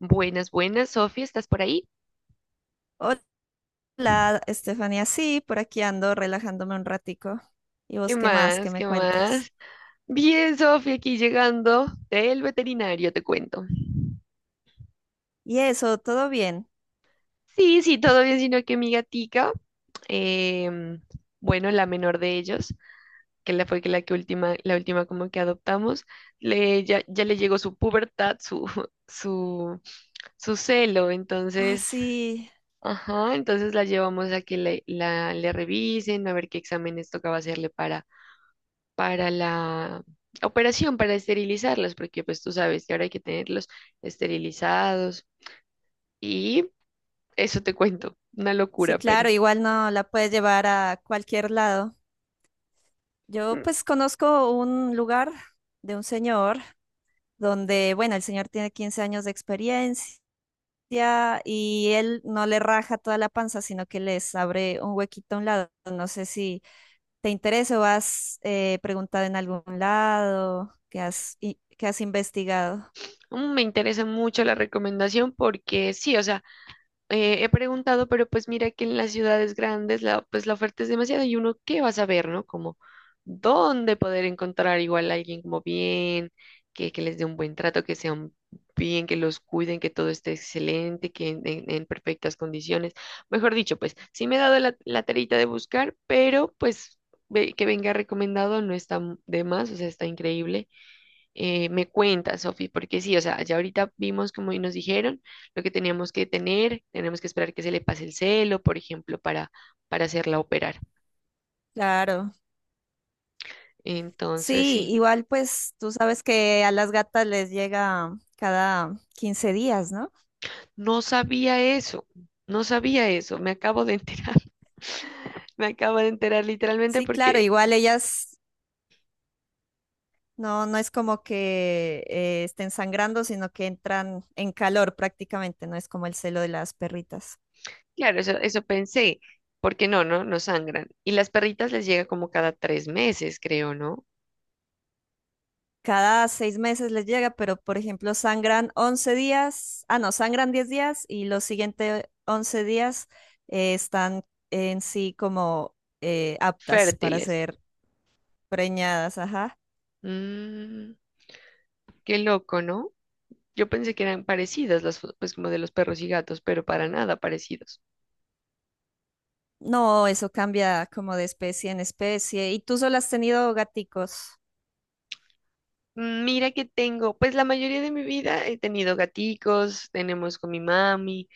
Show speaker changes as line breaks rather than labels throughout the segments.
Buenas, buenas, Sofía, ¿estás por ahí?
Hola, Estefanía. Sí, por aquí ando relajándome un ratico. ¿Y
¿Qué
vos qué más? ¿Qué
más?
me
¿Qué
cuentas?
más? Bien, Sofía, aquí llegando del veterinario, te cuento.
Y eso, ¿todo bien?
Sí, sí, todo bien, sino que mi gatica, em, bueno, la menor de ellos, que la fue que la que última, la última como que adoptamos, ya le llegó su pubertad, su, su, su celo,
Ah,
entonces,
sí,
ajá, entonces la llevamos a que le revisen, a ver qué exámenes tocaba hacerle para la operación, para esterilizarlos, porque pues tú sabes que ahora hay que tenerlos esterilizados y eso te cuento, una
sí,
locura, pero
claro, igual no la puedes llevar a cualquier lado. Yo
mm,
pues conozco un lugar de un señor donde, bueno, el señor tiene 15 años de experiencia y él no le raja toda la panza, sino que les abre un huequito a un lado. No sé si ¿te interesa o has preguntado en algún lado? ¿Qué has investigado?
me interesa mucho la recomendación porque sí, o sea, he preguntado, pero pues mira que en las ciudades grandes pues la oferta es demasiada y uno qué va a saber, ¿no? Como dónde poder encontrar igual a alguien como bien, que les dé un buen trato, que sean bien, que los cuiden, que todo esté excelente, en perfectas condiciones. Mejor dicho, pues sí me he dado la tarita de buscar, pero pues que venga recomendado no está de más, o sea, está increíble. Me cuenta, Sofi, porque sí, o sea, ya ahorita vimos como y nos dijeron lo que teníamos que tener, tenemos que esperar que se le pase el celo, por ejemplo, para hacerla operar.
Claro.
Entonces,
Sí,
sí,
igual pues tú sabes que a las gatas les llega cada 15 días, ¿no?
no sabía eso, no sabía eso, me acabo de enterar, me acabo de enterar literalmente
Sí, claro,
porque,
igual ellas no es como que estén sangrando, sino que entran en calor prácticamente, no es como el celo de las perritas.
claro, eso pensé, porque no sangran. Y las perritas les llega como cada tres meses, creo, ¿no?
Cada 6 meses les llega, pero por ejemplo sangran 11 días, ah no, sangran 10 días y los siguientes 11 días están en sí como aptas para
Fértiles.
ser preñadas, ajá.
Mm, qué loco, ¿no? Yo pensé que eran parecidas las fotos, pues como de los perros y gatos, pero para nada parecidos.
No, eso cambia como de especie en especie. ¿Y tú solo has tenido gaticos?
Mira que tengo, pues la mayoría de mi vida he tenido gaticos, tenemos con mi mami,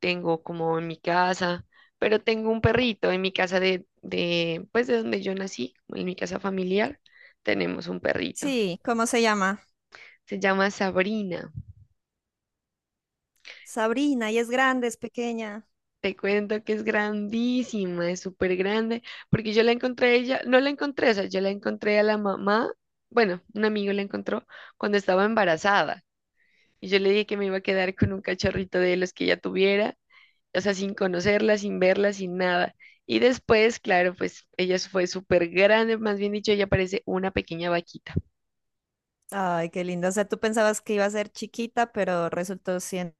tengo como en mi casa, pero tengo un perrito en mi casa pues de donde yo nací, en mi casa familiar, tenemos un perrito.
Sí, ¿cómo se llama?
Se llama Sabrina.
Sabrina, ¿y es grande, es pequeña?
Te cuento que es grandísima, es súper grande, porque yo la encontré a ella, no la encontré, o sea, yo la encontré a la mamá, bueno, un amigo la encontró cuando estaba embarazada, y yo le dije que me iba a quedar con un cachorrito de los que ella tuviera, o sea, sin conocerla, sin verla, sin nada. Y después, claro, pues ella fue súper grande, más bien dicho, ella parece una pequeña vaquita.
Ay, qué linda. O sea, tú pensabas que iba a ser chiquita, pero resultó siendo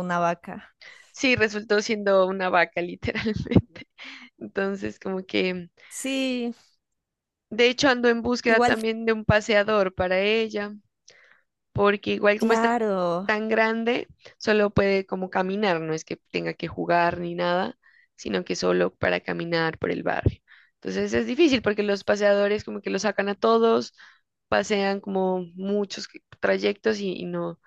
una vaca.
Sí, resultó siendo una vaca, literalmente. Entonces, como que,
Sí,
de hecho, ando en búsqueda
igual,
también de un paseador para ella, porque igual como está
claro.
tan grande, solo puede como caminar, no es que tenga que jugar ni nada, sino que solo para caminar por el barrio. Entonces es difícil porque los paseadores como que lo sacan a todos, pasean como muchos trayectos y no,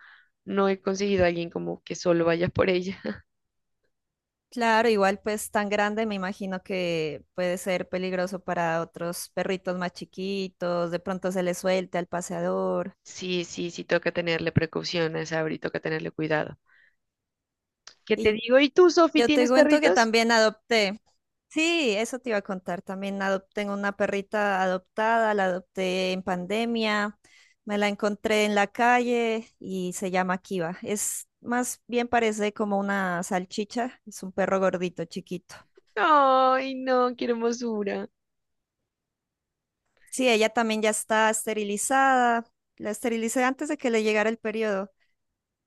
no he conseguido a alguien como que solo vaya por ella.
Claro, igual pues tan grande, me imagino que puede ser peligroso para otros perritos más chiquitos, de pronto se le suelte al paseador.
Sí, sí, sí, toca tenerle precaución a esa Sabri, toca tenerle cuidado. ¿Qué te
Y
digo? ¿Y tú, Sofi,
yo te
tienes
cuento que
perritos?
también adopté, sí, eso te iba a contar, también adopté, tengo una perrita adoptada, la adopté en pandemia, me la encontré en la calle y se llama Kiva. Es más bien, parece como una salchicha, es un perro gordito, chiquito.
Ay, no, qué hermosura.
Sí, ella también ya está esterilizada. La esterilicé antes de que le llegara el periodo.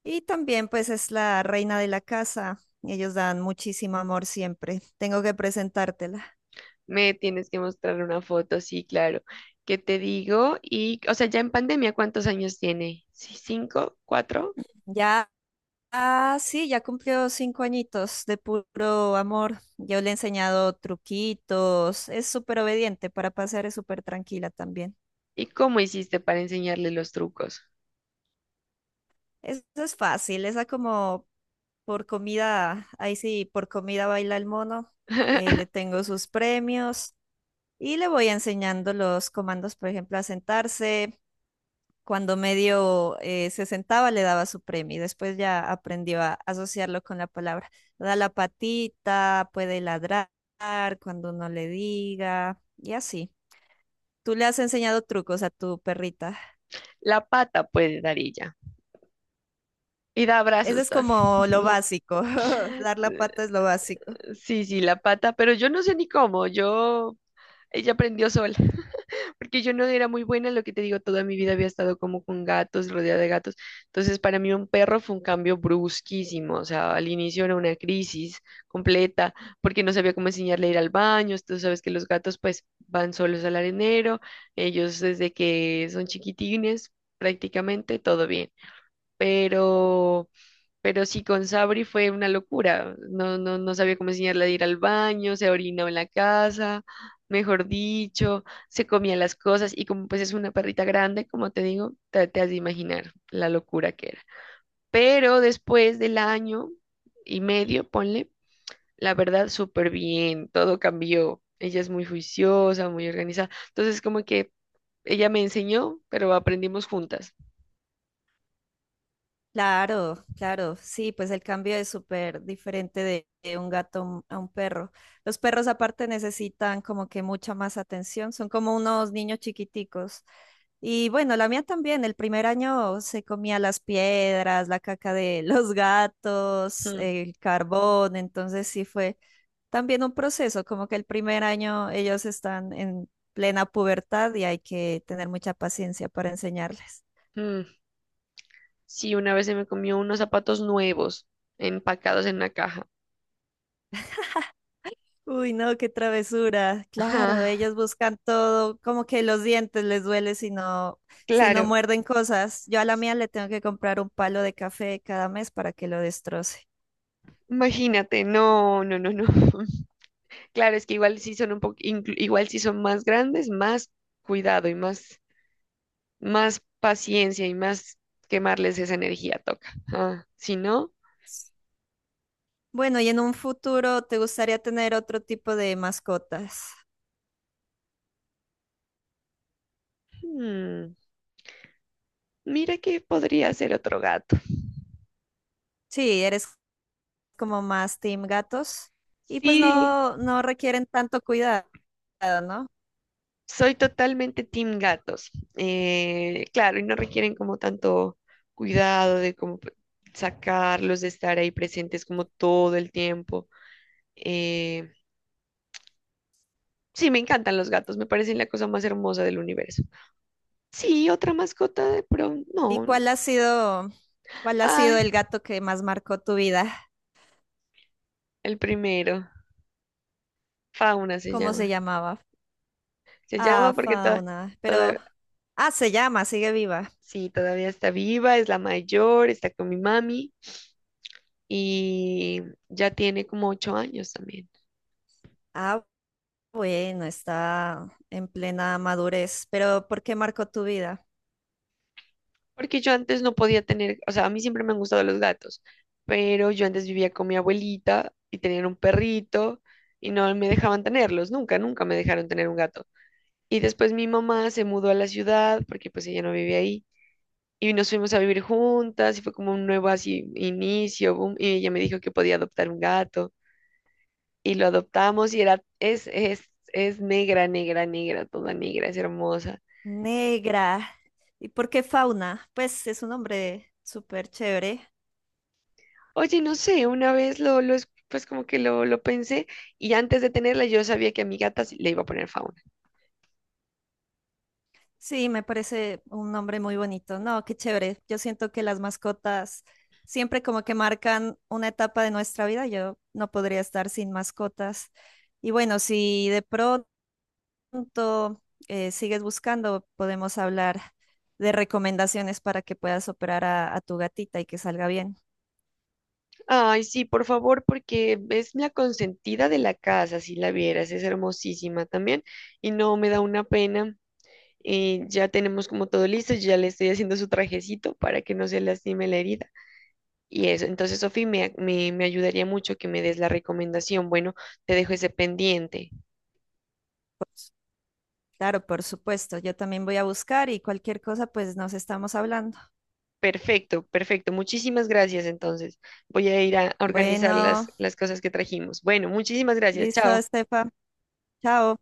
Y también pues es la reina de la casa. Ellos dan muchísimo amor siempre. Tengo que presentártela.
Me tienes que mostrar una foto, sí, claro. ¿Qué te digo? Y, o sea, ya en pandemia, ¿cuántos años tiene? ¿Sí, cinco, cuatro?
Ya, ah, sí, ya cumplió 5 añitos de puro amor. Yo le he enseñado truquitos. Es súper obediente para pasear, es súper tranquila también.
¿Y cómo hiciste para enseñarle los trucos?
Eso es fácil. Esa como por comida, ahí sí, por comida baila el mono. Le tengo sus premios. Y le voy enseñando los comandos, por ejemplo, a sentarse. Cuando medio se sentaba, le daba su premio y después ya aprendió a asociarlo con la palabra. Da la patita, puede ladrar cuando uno le diga y así. ¿Tú le has enseñado trucos a tu perrita?
La pata puede dar ella. Y da
Eso
abrazos.
es como lo básico. Dar la pata es lo básico.
Sí, sí, la pata, pero yo no sé ni cómo. Yo, ella aprendió sola, porque yo no era muy buena, lo que te digo, toda mi vida había estado como con gatos, rodeada de gatos. Entonces, para mí un perro fue un cambio brusquísimo, o sea, al inicio era una crisis completa, porque no sabía cómo enseñarle a ir al baño, tú sabes que los gatos pues van solos al arenero, ellos desde que son chiquitines, prácticamente todo bien, pero... Pero sí, con Sabri fue una locura. No sabía cómo enseñarle a ir al baño, se orinaba en la casa, mejor dicho, se comía las cosas y como pues es una perrita grande, como te digo, te has de imaginar la locura que era. Pero después del año y medio, ponle, la verdad, súper bien, todo cambió. Ella es muy juiciosa, muy organizada. Entonces, como que ella me enseñó, pero aprendimos juntas.
Claro, claro, sí, pues el cambio es súper diferente de un gato a un perro. Los perros aparte necesitan como que mucha más atención, son como unos niños chiquiticos. Y bueno, la mía también, el primer año se comía las piedras, la caca de los gatos,
Mm,
el carbón, entonces sí fue también un proceso, como que el primer año ellos están en plena pubertad y hay que tener mucha paciencia para enseñarles.
mm. Sí, una vez se me comió unos zapatos nuevos empacados en una caja.
Uy, no, qué travesura. Claro,
Ajá,
ellos buscan todo, como que los dientes les duele si no, si no
claro.
muerden cosas. Yo a la mía le tengo que comprar un palo de café cada mes para que lo destroce.
Imagínate, no, no, no, no. Claro, es que igual sí son un poco, igual sí son más grandes, más cuidado y más, más paciencia y más quemarles esa energía toca. Ah, si no,
Bueno, y en un futuro, ¿te gustaría tener otro tipo de mascotas?
mm, mira que podría ser otro gato.
Sí, eres como más team gatos y pues
Sí,
no, no requieren tanto cuidado, ¿no?
soy totalmente team gatos. Claro, y no requieren como tanto cuidado de cómo sacarlos, de estar ahí presentes como todo el tiempo. Eh, sí, me encantan los gatos, me parecen la cosa más hermosa del universo. Sí, otra mascota de pronto.
¿Y
No.
cuál ha sido el
Ay,
gato que más marcó tu vida?
el primero. Fauna se
¿Cómo se
llama.
llamaba?
Se llama
Ah,
porque toda,
Fauna. Pero
toda,
ah, se llama, sigue viva.
sí, todavía está viva, es la mayor, está con mi mami y ya tiene como 8 años también.
Ah, bueno, está en plena madurez. Pero ¿por qué marcó tu vida?
Porque yo antes no podía tener, o sea, a mí siempre me han gustado los gatos, pero yo antes vivía con mi abuelita y tenían un perrito y no me dejaban tenerlos, nunca, nunca me dejaron tener un gato. Y después mi mamá se mudó a la ciudad porque pues ella no vivía ahí y nos fuimos a vivir juntas y fue como un nuevo así inicio, boom, y ella me dijo que podía adoptar un gato y lo adoptamos y es negra, negra, negra, toda negra, es hermosa.
Negra. ¿Y por qué Fauna? Pues es un nombre súper chévere.
Oye, no sé, una vez pues como que lo pensé y antes de tenerla yo sabía que a mi gata sí le iba a poner Fauna.
Sí, me parece un nombre muy bonito. No, qué chévere. Yo siento que las mascotas siempre como que marcan una etapa de nuestra vida. Yo no podría estar sin mascotas. Y bueno, si de pronto punto sigues buscando, podemos hablar de recomendaciones para que puedas operar a tu gatita y que salga bien.
Ay, sí, por favor, porque es la consentida de la casa, si la vieras, es hermosísima también y no me da una pena. Ya tenemos como todo listo, ya le estoy haciendo su trajecito para que no se lastime la herida. Y eso, entonces, Sofi, me ayudaría mucho que me des la recomendación. Bueno, te dejo ese pendiente.
Claro, por supuesto. Yo también voy a buscar y cualquier cosa, pues nos estamos hablando.
Perfecto, perfecto. Muchísimas gracias entonces. Voy a ir a organizar
Bueno,
las cosas que trajimos. Bueno, muchísimas gracias.
listo,
Chao.
Estefa. Chao.